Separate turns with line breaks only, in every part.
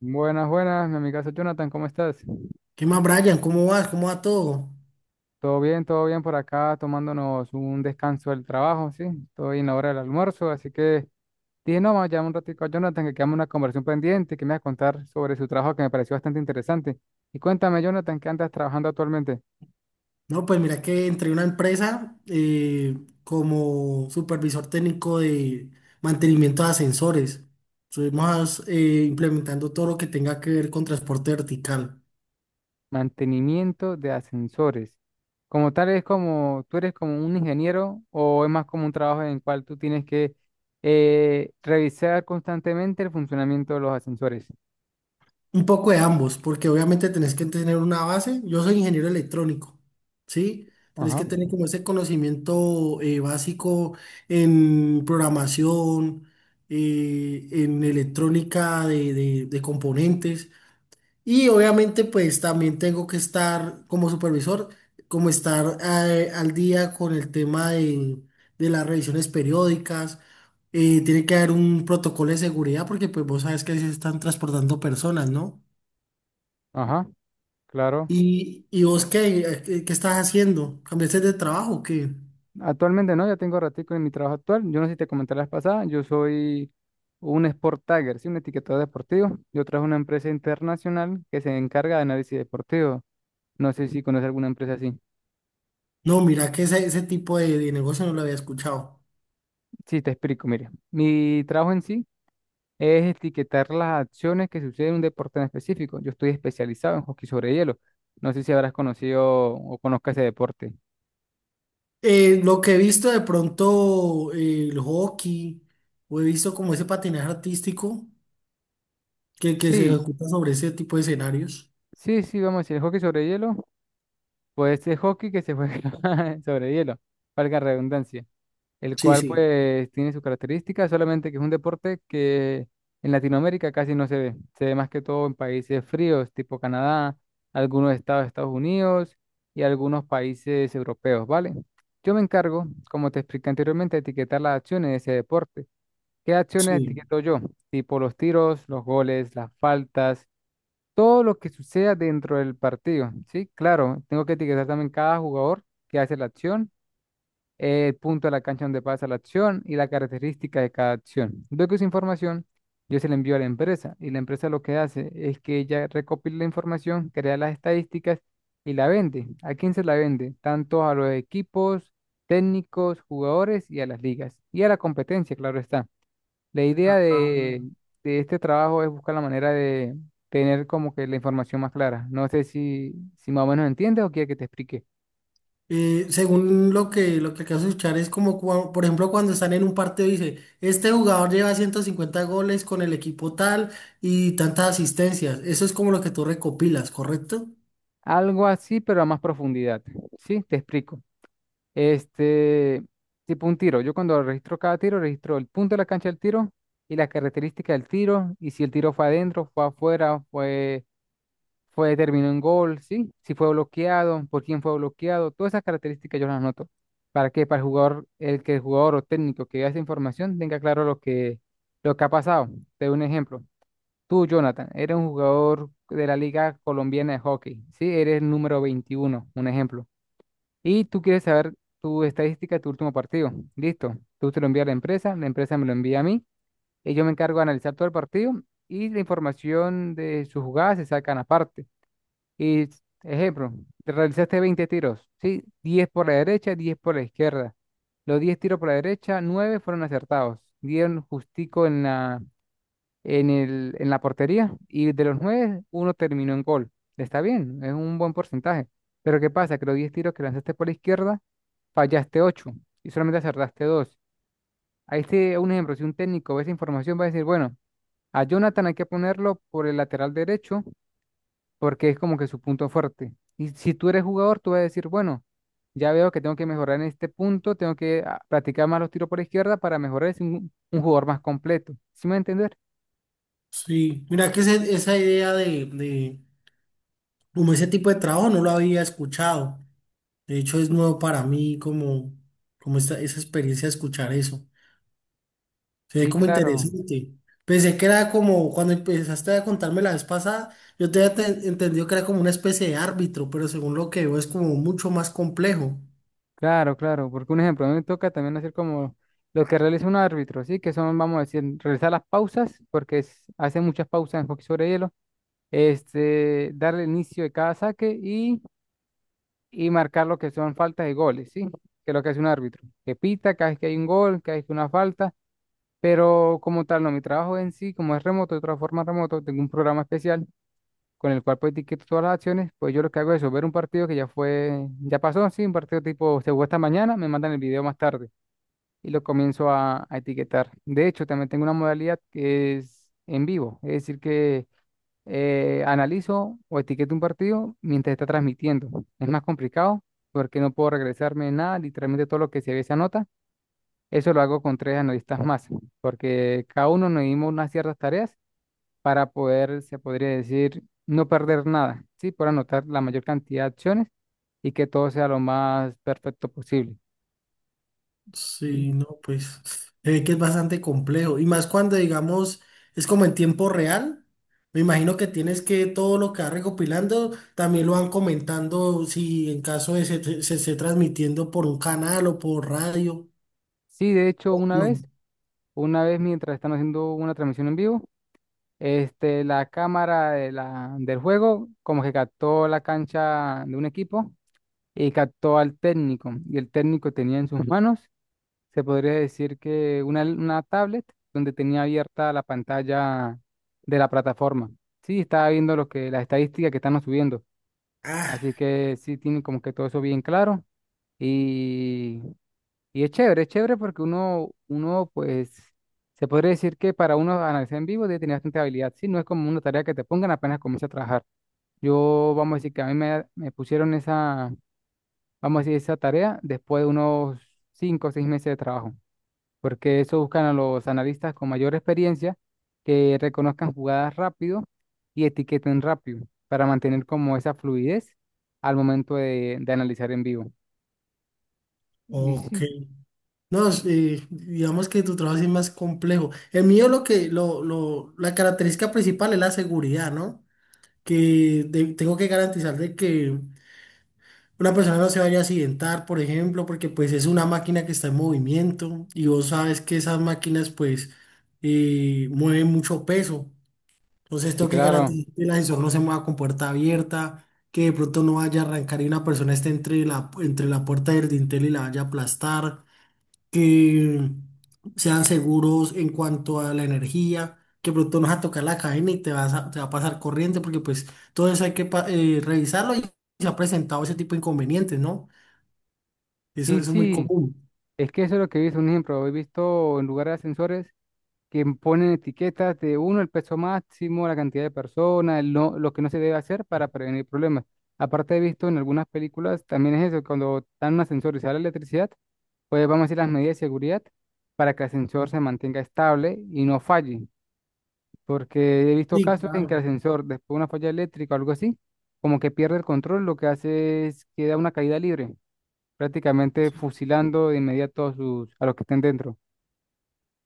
Buenas, buenas, mi amigazo Jonathan, ¿cómo estás?
¿Qué más, Brian? ¿Cómo vas? ¿Cómo va todo?
Todo bien por acá, tomándonos un descanso del trabajo, ¿sí? Estoy en la hora del almuerzo, así que dije, no, vamos a llamar un ratico a Jonathan, que quedamos una conversación pendiente, que me va a contar sobre su trabajo que me pareció bastante interesante. Y cuéntame, Jonathan, ¿qué andas trabajando actualmente?
No, pues mira que entré a una empresa como supervisor técnico de mantenimiento de ascensores. Estuvimos implementando todo lo que tenga que ver con transporte vertical.
Mantenimiento de ascensores. Como tal, es como, ¿tú eres como un ingeniero o es más como un trabajo en el cual tú tienes que revisar constantemente el funcionamiento de los ascensores?
Un poco de ambos, porque obviamente tenés que tener una base. Yo soy ingeniero electrónico, ¿sí? Tenés
Ajá,
que tener como ese conocimiento básico en programación, en electrónica de componentes. Y obviamente pues también tengo que estar como supervisor, como estar al día con el tema de las revisiones periódicas. Tiene que haber un protocolo de seguridad porque pues vos sabes que se están transportando personas, ¿no?
ajá. Claro,
¿Y vos qué, qué estás haciendo? ¿Cambiaste de trabajo o qué?
actualmente no, ya tengo ratico en mi trabajo actual. Yo no sé si te comenté la vez pasada, yo soy un sport tagger, sí, un etiquetador deportivo. Yo trabajo en una empresa internacional que se encarga de análisis deportivo. No sé si conoces alguna empresa así.
No, mira que ese tipo de negocio no lo había escuchado.
Sí, te explico, mire. Mi trabajo en sí es etiquetar las acciones que suceden en un deporte en específico. Yo estoy especializado en hockey sobre hielo. No sé si habrás conocido o conozcas ese deporte.
Lo que he visto de pronto el hockey, o he visto como ese patinaje artístico que se
Sí,
ejecuta sobre ese tipo de escenarios.
sí, sí, vamos a decir, el hockey sobre hielo. Pues es hockey que se juega sobre hielo, valga la redundancia, el
Sí,
cual
sí,
pues tiene sus características, solamente que es un deporte que en Latinoamérica casi no se ve, se ve más que todo en países fríos, tipo Canadá, algunos estados de Estados Unidos y algunos países europeos, ¿vale? Yo me encargo, como te expliqué anteriormente, de etiquetar las acciones de ese deporte. ¿Qué acciones
Sí.
etiqueto yo? Tipo los tiros, los goles, las faltas, todo lo que suceda dentro del partido, ¿sí? Claro, tengo que etiquetar también cada jugador que hace la acción, el punto de la cancha donde pasa la acción y la característica de cada acción. Luego esa información yo se la envío a la empresa y la empresa lo que hace es que ella recopila la información, crea las estadísticas y la vende. ¿A quién se la vende? Tanto a los equipos, técnicos, jugadores y a las ligas y a la competencia, claro está. La idea
Ah,
de este trabajo es buscar la manera de tener como que la información más clara. No sé si más o menos entiendes o quieres que te explique.
según lo que acabas de escuchar, es como, por ejemplo, cuando están en un partido, dice, este jugador lleva 150 goles con el equipo tal y tantas asistencias. Eso es como lo que tú recopilas, ¿correcto?
Algo así, pero a más profundidad. Sí, te explico. Este, tipo un tiro. Yo cuando registro cada tiro, registro el punto de la cancha del tiro y las características del tiro, y si el tiro fue adentro, fue afuera, fue, determinó en gol, ¿sí? Si fue bloqueado, por quién fue bloqueado, todas esas características yo las anoto. ¿Para qué? Para el jugador, el jugador o técnico que vea esa información tenga claro lo que ha pasado. Te doy un ejemplo. Tú, Jonathan, eres un jugador de la Liga Colombiana de Hockey, ¿sí? Eres el número 21, un ejemplo. Y tú quieres saber tu estadística de tu último partido. Listo. Tú te lo envías a la empresa me lo envía a mí, y yo me encargo de analizar todo el partido y la información de sus jugadas se sacan aparte. Y, ejemplo, te realizaste 20 tiros, ¿sí? 10 por la derecha, 10 por la izquierda. Los 10 tiros por la derecha, 9 fueron acertados. Dieron justico en la, en la portería, y de los 9 uno terminó en gol. Está bien, es un buen porcentaje. Pero ¿qué pasa? Que los 10 tiros que lanzaste por la izquierda, fallaste 8 y solamente acertaste dos. Ahí te un ejemplo, si un técnico ve esa información va a decir, bueno, a Jonathan hay que ponerlo por el lateral derecho porque es como que su punto fuerte. Y si tú eres jugador, tú vas a decir, bueno, ya veo que tengo que mejorar en este punto, tengo que practicar más los tiros por izquierda para mejorar y ser un jugador más completo. ¿Sí me va a entender?
Sí. Mira que esa idea de como ese tipo de trabajo no lo había escuchado. De hecho, es nuevo para mí como, como esa experiencia de escuchar eso. Se ve
Sí,
como
claro,
interesante. Pensé que era como cuando empezaste a contarme la vez pasada, yo te había entendido que era como una especie de árbitro, pero según lo que veo es como mucho más complejo.
claro, claro, porque un ejemplo, a mí me toca también hacer como lo que realiza un árbitro, ¿sí? Que son, vamos a decir, realizar las pausas, porque hace muchas pausas en hockey sobre hielo, este, darle inicio de cada saque y marcar lo que son faltas y goles, ¿sí? Que es lo que hace un árbitro, que pita cada vez que hay un gol, cada vez que hay una falta, pero como tal, no, mi trabajo en sí, como es remoto, de otra forma remoto, tengo un programa especial con el cual pues etiqueto todas las acciones. Pues yo lo que hago es eso, ver un partido que ya fue, ya pasó, sí, un partido tipo se jugó esta mañana, me mandan el video más tarde y lo comienzo a etiquetar. De hecho, también tengo una modalidad que es en vivo, es decir que analizo o etiqueto un partido mientras está transmitiendo. Es más complicado porque no puedo regresarme nada, literalmente todo lo que se ve se anota. Eso lo hago con tres analistas más, porque cada uno nos dimos unas ciertas tareas para poder, se podría decir, no perder nada, ¿sí? Por anotar la mayor cantidad de acciones y que todo sea lo más perfecto posible.
Sí,
¿Sí?
no, pues se ve que es bastante complejo. Y más cuando, digamos, es como en tiempo real. Me imagino que tienes que todo lo que vas recopilando también lo van comentando si en caso de se esté transmitiendo por un canal o por radio.
Sí, de hecho, una
No.
vez, una vez mientras están haciendo una transmisión en vivo, este, la cámara del juego como que captó la cancha de un equipo y captó al técnico. Y el técnico tenía en sus manos, se podría decir que una tablet donde tenía abierta la pantalla de la plataforma. Sí, estaba viendo lo que, las estadísticas que están subiendo.
Ah,
Así que sí, tiene como que todo eso bien claro. Y y es chévere porque uno, pues, se podría decir que para uno analizar en vivo debe tener bastante habilidad, ¿sí? No es como una tarea que te pongan apenas comienza a trabajar. Yo, vamos a decir que a mí me pusieron esa, vamos a decir, esa tarea después de unos 5 o 6 meses de trabajo, porque eso buscan a los analistas con mayor experiencia que reconozcan jugadas rápido y etiqueten rápido para mantener como esa fluidez al momento de analizar en vivo. Y
ok.
sí,
No, es, digamos que tu trabajo sí es más complejo. El mío lo que, la característica principal es la seguridad, ¿no? Que tengo que garantizar de que una persona no se vaya a accidentar, por ejemplo, porque pues es una máquina que está en movimiento y vos sabes que esas máquinas pues mueven mucho peso. Entonces
sí,
tengo que
claro.
garantizar que el ascensor no se mueva con puerta abierta, que de pronto no vaya a arrancar y una persona esté entre la puerta del dintel y la vaya a aplastar, que sean seguros en cuanto a la energía, que pronto nos vas a tocar la cadena y te vas a, te va a pasar corriente, porque pues todo eso hay que revisarlo y se ha presentado ese tipo de inconvenientes, ¿no? Eso,
Sí,
eso es muy
sí,
común.
es que eso es lo que he visto, un ejemplo, he visto en lugares de ascensores que ponen etiquetas de uno, el peso máximo, la cantidad de personas, el no- lo que no se debe hacer para prevenir problemas. Aparte he visto en algunas películas, también es eso, cuando dan un ascensor y se da la electricidad, pues vamos a decir las medidas de seguridad para que el ascensor se mantenga estable y no falle, porque he visto
Sí,
casos en que el
claro.
ascensor, después de una falla eléctrica o algo así, como que pierde el control, lo que hace es que da una caída libre, prácticamente fusilando de inmediato a los que estén dentro.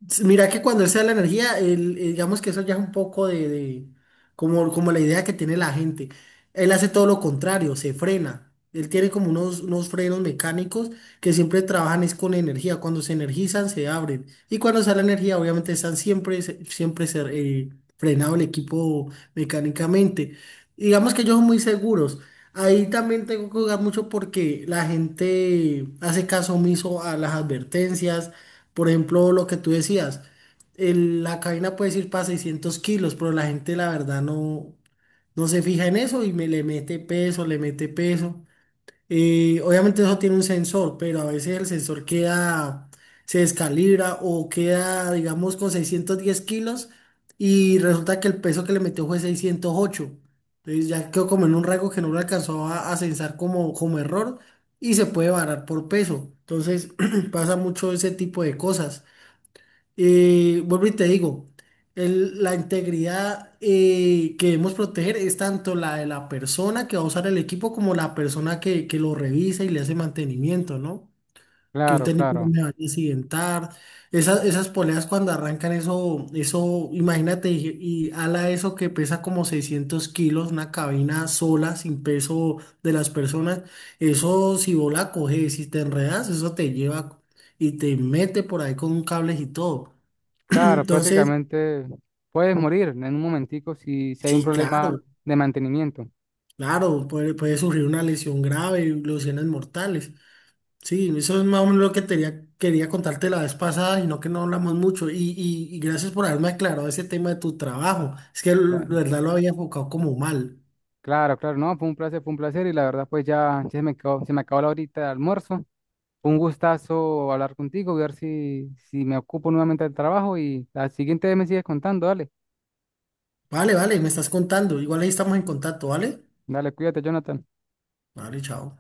S- Mira que cuando él se la energía, él, digamos que eso ya es un poco como, como la idea que tiene la gente. Él hace todo lo contrario, se frena. Él tiene como unos frenos mecánicos que siempre trabajan es con energía. Cuando se energizan, se abren. Y cuando sale energía, obviamente están siempre, eh, frenado el equipo mecánicamente. Digamos que ellos son muy seguros. Ahí también tengo que jugar mucho porque la gente hace caso omiso a las advertencias, por ejemplo, lo que tú decías, la cabina puede ir para 600 kilos, pero la gente la verdad no, no se fija en eso y me le mete peso, le mete peso. Obviamente eso tiene un sensor, pero a veces el sensor queda, se descalibra o queda, digamos, con 610 kilos y resulta que el peso que le metió fue 608. Entonces ya quedó como en un rango que no lo alcanzó a censar como, como error y se puede varar por peso. Entonces pasa mucho ese tipo de cosas. Vuelvo y te digo, la integridad que debemos proteger es tanto la de la persona que va a usar el equipo como la persona que lo revisa y le hace mantenimiento, ¿no? Que un
Claro,
técnico no
claro,
me vaya a accidentar. Esas poleas cuando arrancan eso, eso, imagínate, y ala eso que pesa como 600 kilos, una cabina sola, sin peso de las personas. Eso si vos la coges, si te enredas, eso te lleva y te mete por ahí con cables y todo.
claro,
Entonces,
prácticamente puedes morir en un momentico si hay un
sí,
problema
claro,
de mantenimiento.
claro, puede, puede surgir una lesión grave y lesiones mortales. Sí, eso es más o menos lo que quería contarte la vez pasada, sino que no hablamos mucho. Y, y gracias por haberme aclarado ese tema de tu trabajo. Es que la
Claro,
verdad lo había enfocado como mal.
claro, claro, no, fue un placer, fue un placer, y la verdad pues ya, ya se me acabó la horita de almuerzo. Fue un gustazo hablar contigo, ver si me ocupo nuevamente del trabajo y la siguiente vez me sigues contando, dale,
Vale, vale, me estás contando. Igual ahí estamos en contacto, ¿vale?
dale, cuídate, Jonathan.
Vale, chao.